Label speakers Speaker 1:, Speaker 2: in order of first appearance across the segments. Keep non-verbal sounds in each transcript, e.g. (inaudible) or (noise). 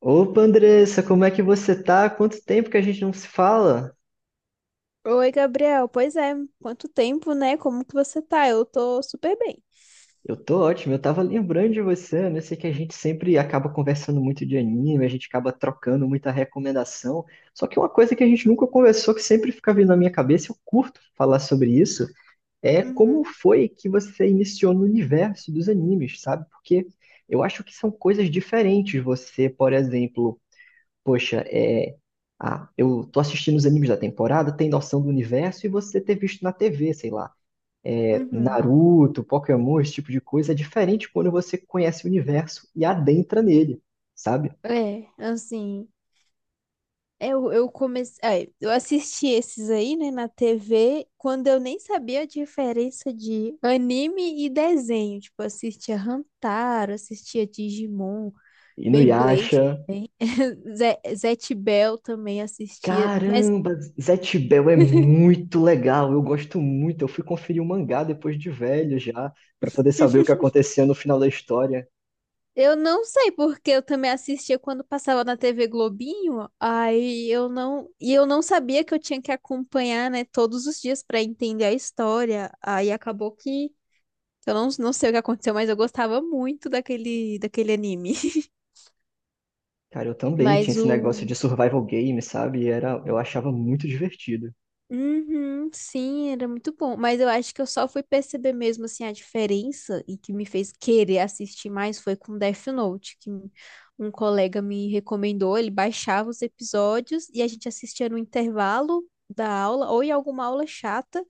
Speaker 1: Opa, Andressa, como é que você tá? Quanto tempo que a gente não se fala?
Speaker 2: Oi, Gabriel. Pois é, quanto tempo, né? Como que você tá? Eu tô super bem.
Speaker 1: Eu tô ótimo, eu tava lembrando de você, né? Eu sei que a gente sempre acaba conversando muito de anime, a gente acaba trocando muita recomendação. Só que uma coisa que a gente nunca conversou, que sempre fica vindo na minha cabeça, eu curto falar sobre isso, é como
Speaker 2: Uhum,
Speaker 1: foi que você iniciou no universo dos animes, sabe? Porque eu acho que são coisas diferentes. Você, por exemplo, poxa, é, ah, eu tô assistindo os animes da temporada, tem noção do universo e você ter visto na TV, sei lá, é,
Speaker 2: uhum.
Speaker 1: Naruto, Pokémon, esse tipo de coisa, é diferente quando você conhece o universo e adentra nele, sabe?
Speaker 2: É, assim, eu comecei, é, eu assisti esses aí, né, na TV, quando eu nem sabia a diferença de anime e desenho. Tipo, eu assistia Hantaro, assistia Digimon, Beyblade,
Speaker 1: Inuyasha,
Speaker 2: (laughs) Zet Bell também assistia. Mas
Speaker 1: caramba, Zatch Bell é muito legal, eu gosto muito, eu fui conferir o mangá depois de velho já, pra poder saber o que acontecia no final da história.
Speaker 2: eu não sei porque eu também assistia quando passava na TV Globinho. Aí eu não, e eu não sabia que eu tinha que acompanhar, né, todos os dias para entender a história. Aí acabou que Eu não, não sei o que aconteceu, mas eu gostava muito daquele anime. (laughs)
Speaker 1: Cara, eu também tinha
Speaker 2: Mas
Speaker 1: esse negócio
Speaker 2: o.
Speaker 1: de survival game, sabe? E era, eu achava muito divertido.
Speaker 2: Uhum, sim, era muito bom. Mas eu acho que eu só fui perceber mesmo assim a diferença e que me fez querer assistir mais foi com Death Note, que um colega me recomendou. Ele baixava os episódios e a gente assistia no intervalo da aula ou em alguma aula chata.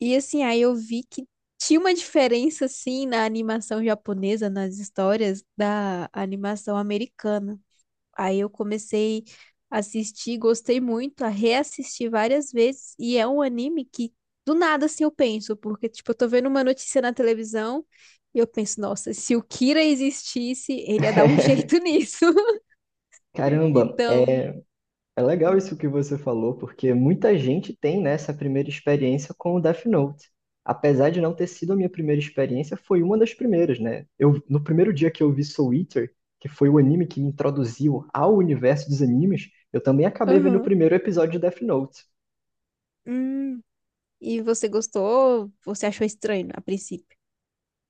Speaker 2: E assim, aí eu vi que tinha uma diferença assim na animação japonesa, nas histórias da animação americana. Aí eu comecei a assistir, gostei muito, a reassistir várias vezes, e é um anime que do nada assim eu penso, porque tipo, eu tô vendo uma notícia na televisão e eu penso, nossa, se o Kira existisse, ele ia dar um
Speaker 1: (laughs)
Speaker 2: jeito nisso. (laughs)
Speaker 1: Caramba,
Speaker 2: Então,
Speaker 1: é legal isso que você falou, porque muita gente tem, né, essa primeira experiência com o Death Note. Apesar de não ter sido a minha primeira experiência, foi uma das primeiras, né? Eu, no primeiro dia que eu vi Soul Eater, que foi o anime que me introduziu ao universo dos animes, eu também acabei vendo o
Speaker 2: aham.
Speaker 1: primeiro episódio de Death Note.
Speaker 2: Hum, e você gostou? Você achou estranho a princípio?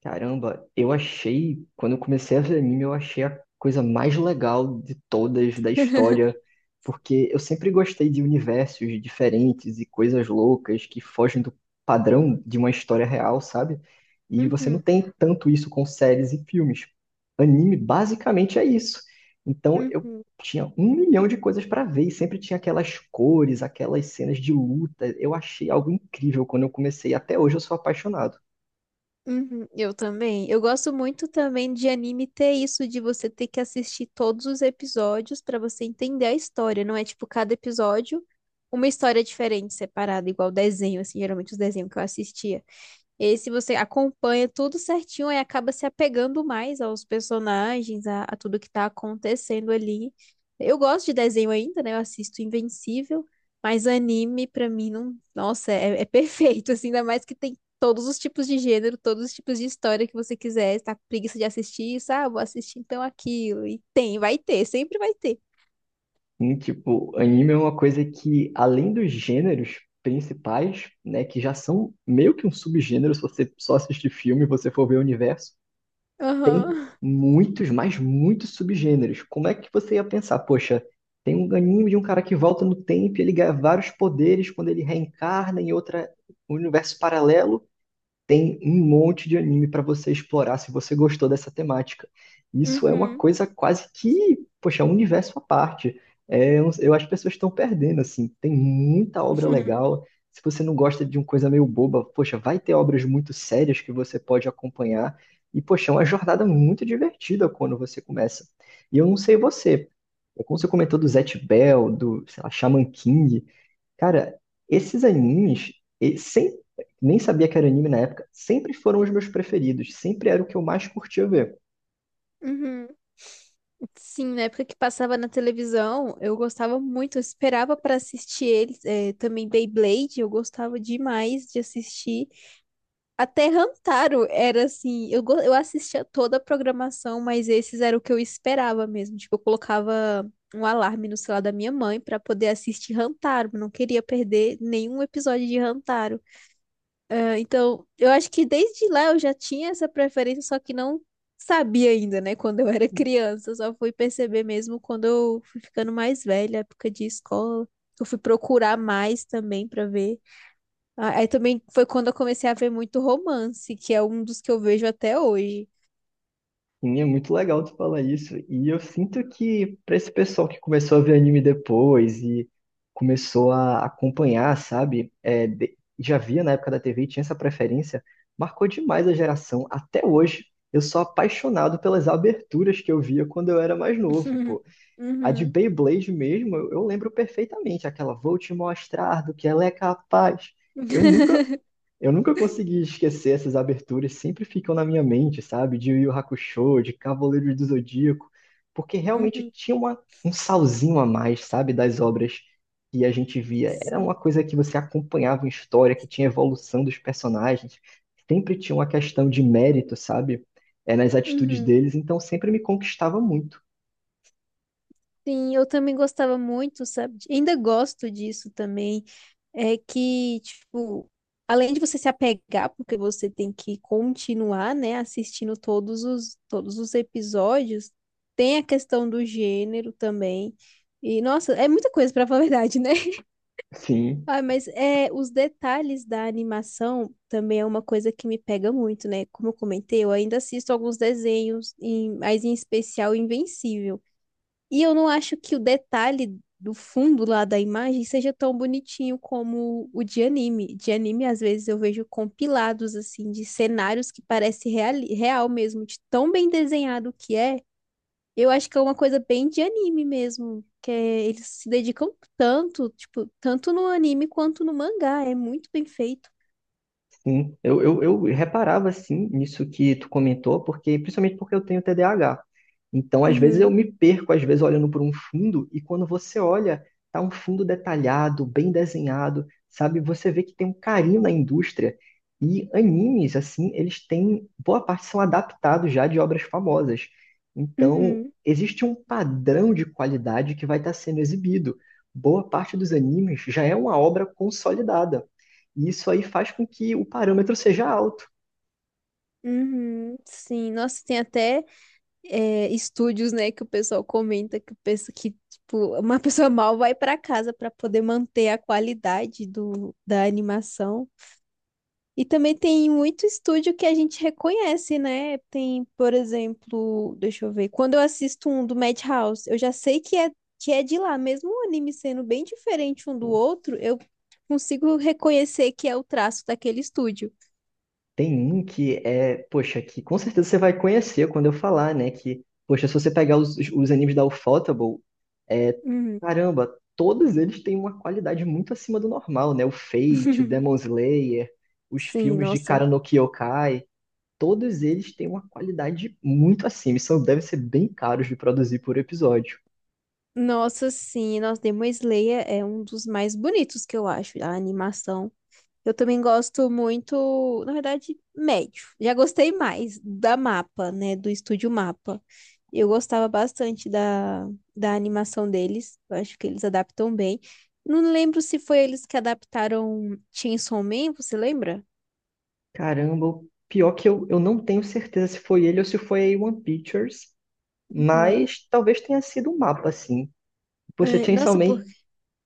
Speaker 1: Caramba, eu achei, quando eu comecei a ver anime, eu achei a coisa mais legal de todas da história, porque eu sempre gostei de universos diferentes e coisas loucas que fogem do padrão de uma história real, sabe? E você não
Speaker 2: Uhum,
Speaker 1: tem tanto isso com séries e filmes. Anime basicamente é isso. Então eu
Speaker 2: uhum,
Speaker 1: tinha um milhão de coisas para ver e sempre tinha aquelas cores, aquelas cenas de luta. Eu achei algo incrível quando eu comecei. Até hoje eu sou apaixonado.
Speaker 2: uhum. Eu também. Eu gosto muito também de anime ter isso de você ter que assistir todos os episódios pra você entender a história. Não é tipo cada episódio uma história diferente, separada, igual desenho, assim, geralmente os desenhos que eu assistia. Esse você acompanha tudo certinho e acaba se apegando mais aos personagens, a tudo que tá acontecendo ali. Eu gosto de desenho ainda, né? Eu assisto Invencível, mas anime pra mim não, nossa, é perfeito, (laughs) assim, ainda mais que tem todos os tipos de gênero, todos os tipos de história que você quiser, tá com preguiça de assistir, sabe ah, vou assistir então aquilo. E tem, vai ter, sempre vai ter.
Speaker 1: Sim, tipo, anime é uma coisa que, além dos gêneros principais, né, que já são meio que um subgênero, se você só assistir filme e você for ver o universo, tem
Speaker 2: Aham.
Speaker 1: muitos, mas muitos subgêneros. Como é que você ia pensar, poxa, tem um anime de um cara que volta no tempo e ele ganha vários poderes quando ele reencarna em outra um universo paralelo, tem um monte de anime para você explorar se você gostou dessa temática. Isso é uma
Speaker 2: Uhum.
Speaker 1: coisa quase que, poxa, é um universo à parte. É, eu acho que as pessoas estão perdendo, assim. Tem muita obra
Speaker 2: Uhum.
Speaker 1: legal.
Speaker 2: (laughs)
Speaker 1: Se você não gosta de uma coisa meio boba, poxa, vai ter obras muito sérias que você pode acompanhar. E, poxa, é uma jornada muito divertida quando você começa. E eu não sei você, é como você comentou do Zatch Bell, do, sei lá, Shaman King. Cara, esses animes, e- sem, nem sabia que era anime na época, sempre foram os meus preferidos, sempre era o que eu mais curtia ver.
Speaker 2: Uhum. Sim, na época que passava na televisão, eu gostava muito, eu esperava para assistir eles, também Beyblade, eu gostava demais de assistir. Até Hamtaro era assim, eu, eu assistia toda a programação, mas esses era o que eu esperava mesmo. Tipo, eu colocava um alarme no celular da minha mãe para poder assistir Hamtaro, não queria perder nenhum episódio de Hamtaro. Ah, então, eu acho que desde lá eu já tinha essa preferência, só que não sabia ainda, né? Quando eu era (laughs) criança, eu só fui perceber mesmo quando eu fui ficando mais velha, época de escola. Eu fui procurar mais também pra ver. Ah, aí também foi quando eu comecei a ver muito romance, que é um dos que eu vejo até hoje.
Speaker 1: E é muito legal tu falar isso. E eu sinto que pra esse pessoal que começou a ver anime depois e começou a acompanhar, sabe? É, já via na época da TV e tinha essa preferência, marcou demais a geração. Até hoje, eu sou apaixonado pelas aberturas que eu via quando eu era mais novo.
Speaker 2: (laughs)
Speaker 1: A de
Speaker 2: Uhum.
Speaker 1: Beyblade mesmo, eu lembro perfeitamente aquela, vou te mostrar do que ela é capaz. Eu nunca,
Speaker 2: (laughs)
Speaker 1: eu nunca consegui esquecer essas aberturas, sempre ficam na minha mente, sabe? De Yu Yu Hakusho, de Cavaleiros do Zodíaco, porque
Speaker 2: Uhum.
Speaker 1: realmente
Speaker 2: Uhum.
Speaker 1: tinha uma, um salzinho a mais, sabe? Das obras que a gente via. Era
Speaker 2: Sim.
Speaker 1: uma coisa que você acompanhava em história, que tinha evolução dos personagens, sempre tinha uma questão de mérito, sabe? É, nas atitudes
Speaker 2: Uhum.
Speaker 1: deles, então sempre me conquistava muito.
Speaker 2: Sim, eu também gostava muito, sabe? Ainda gosto disso também. É que, tipo, além de você se apegar, porque você tem que continuar, né, assistindo todos os episódios, tem a questão do gênero também. E, nossa, é muita coisa pra falar a verdade, né? (laughs)
Speaker 1: Sim.
Speaker 2: Ah, mas é, os detalhes da animação também é uma coisa que me pega muito, né? Como eu comentei, eu ainda assisto alguns desenhos, mas em especial Invencível. E eu não acho que o detalhe do fundo lá da imagem seja tão bonitinho como o de anime. De anime, às vezes, eu vejo compilados, assim, de cenários que parece real mesmo, de tão bem desenhado que é. Eu acho que é uma coisa bem de anime mesmo, eles se dedicam tanto, tipo, tanto no anime quanto no mangá. É muito bem feito.
Speaker 1: Sim, eu reparava assim nisso que tu comentou, porque principalmente porque eu tenho TDAH. Então, às vezes eu
Speaker 2: Uhum,
Speaker 1: me perco, às vezes olhando por um fundo e quando você olha, tá um fundo detalhado, bem desenhado, sabe? Você vê que tem um carinho na indústria. E animes assim, eles têm boa parte são adaptados já de obras famosas. Então,
Speaker 2: uhum,
Speaker 1: existe um padrão de qualidade que vai estar sendo exibido. Boa parte dos animes já é uma obra consolidada. E isso aí faz com que o parâmetro seja alto.
Speaker 2: uhum. Sim, nossa, tem até estúdios, né, que o pessoal comenta que, o pessoal, que tipo, uma pessoa mal vai para casa para poder manter a qualidade do, da animação. E também tem muito estúdio que a gente reconhece, né? Tem, por exemplo, deixa eu ver, quando eu assisto um do Madhouse, eu já sei que é de lá, mesmo o anime sendo bem diferente um do outro, eu consigo reconhecer que é o traço daquele estúdio.
Speaker 1: Tem um que é, poxa, que com certeza você vai conhecer quando eu falar, né? Que, poxa, se você pegar os animes da Ufotable, é,
Speaker 2: Uhum.
Speaker 1: caramba, todos eles têm uma qualidade muito acima do normal, né? O Fate, o Demon
Speaker 2: (laughs)
Speaker 1: Slayer, os
Speaker 2: Sim,
Speaker 1: filmes de
Speaker 2: nossa.
Speaker 1: Kara no Kyokai, todos eles têm uma qualidade muito acima, e são, devem ser bem caros de produzir por episódio.
Speaker 2: Nossa, sim, nossa, Demon Slayer é um dos mais bonitos que eu acho, a animação. Eu também gosto muito, na verdade, médio. Já gostei mais da Mapa, né, do estúdio Mapa. Eu gostava bastante da animação deles, eu acho que eles adaptam bem. Não lembro se foi eles que adaptaram Chainsaw Man, você lembra?
Speaker 1: Caramba, o pior que eu não tenho certeza se foi ele ou se foi a A1 Pictures,
Speaker 2: Uhum.
Speaker 1: mas talvez tenha sido um mapa, assim. Poxa,
Speaker 2: Ai,
Speaker 1: Chainsaw
Speaker 2: nossa, por...
Speaker 1: Man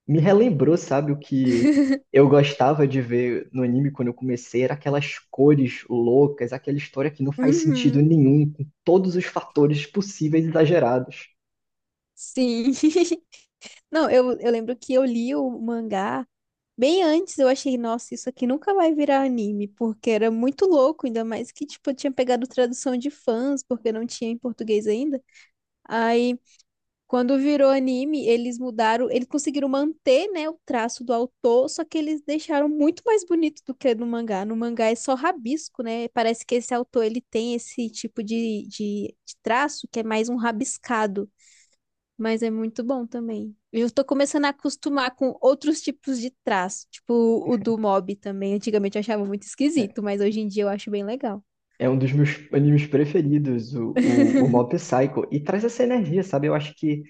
Speaker 1: me relembrou, sabe, o que
Speaker 2: (laughs)
Speaker 1: eu gostava de ver no anime quando eu comecei, era aquelas cores loucas, aquela história que não faz sentido
Speaker 2: Uhum,
Speaker 1: nenhum, com todos os fatores possíveis e exagerados.
Speaker 2: sim. (laughs) Não, eu lembro que eu li o mangá bem antes eu achei, nossa, isso aqui nunca vai virar anime, porque era muito louco, ainda mais que, tipo, eu tinha pegado tradução de fãs, porque não tinha em português ainda. Aí, quando virou anime, eles mudaram, eles conseguiram manter, né, o traço do autor, só que eles deixaram muito mais bonito do que no mangá. No mangá é só rabisco, né? Parece que esse autor, ele tem esse tipo de traço que é mais um rabiscado. Mas é muito bom também. Eu tô começando a acostumar com outros tipos de traço, tipo o do mob também. Antigamente eu achava muito esquisito, mas hoje em dia eu acho bem legal.
Speaker 1: É um dos meus animes preferidos, o
Speaker 2: (laughs)
Speaker 1: Mob Psycho. E traz essa energia, sabe? Eu acho que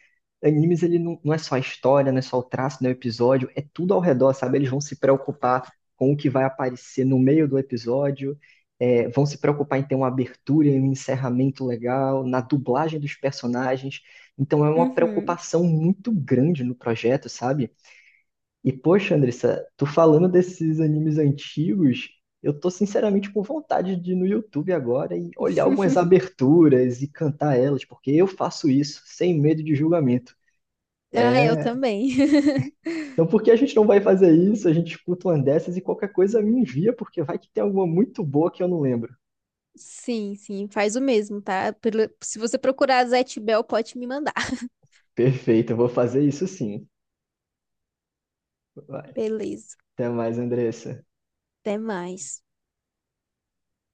Speaker 1: animes, ele não é só a história, não é só o traço, não é o episódio, é tudo ao redor, sabe? Eles vão se preocupar com o que vai aparecer no meio do episódio, é, vão se preocupar em ter uma abertura e um encerramento legal, na dublagem dos personagens. Então é uma
Speaker 2: Uhum.
Speaker 1: preocupação muito grande no projeto, sabe? E poxa, Andressa, tu falando desses animes antigos, eu tô sinceramente com vontade de ir no YouTube agora e olhar algumas aberturas e cantar elas, porque eu faço isso sem medo de julgamento.
Speaker 2: Ah, eu
Speaker 1: É,
Speaker 2: também. (laughs)
Speaker 1: então por que a gente não vai fazer isso? A gente escuta uma dessas e qualquer coisa me envia, porque vai que tem alguma muito boa que eu não lembro.
Speaker 2: Sim, sim, faz o mesmo, tá? Se você procurar Zé Bell, pode me mandar. (laughs)
Speaker 1: Perfeito, eu vou fazer isso sim. Vai.
Speaker 2: Beleza,
Speaker 1: Até mais, Andressa.
Speaker 2: até mais.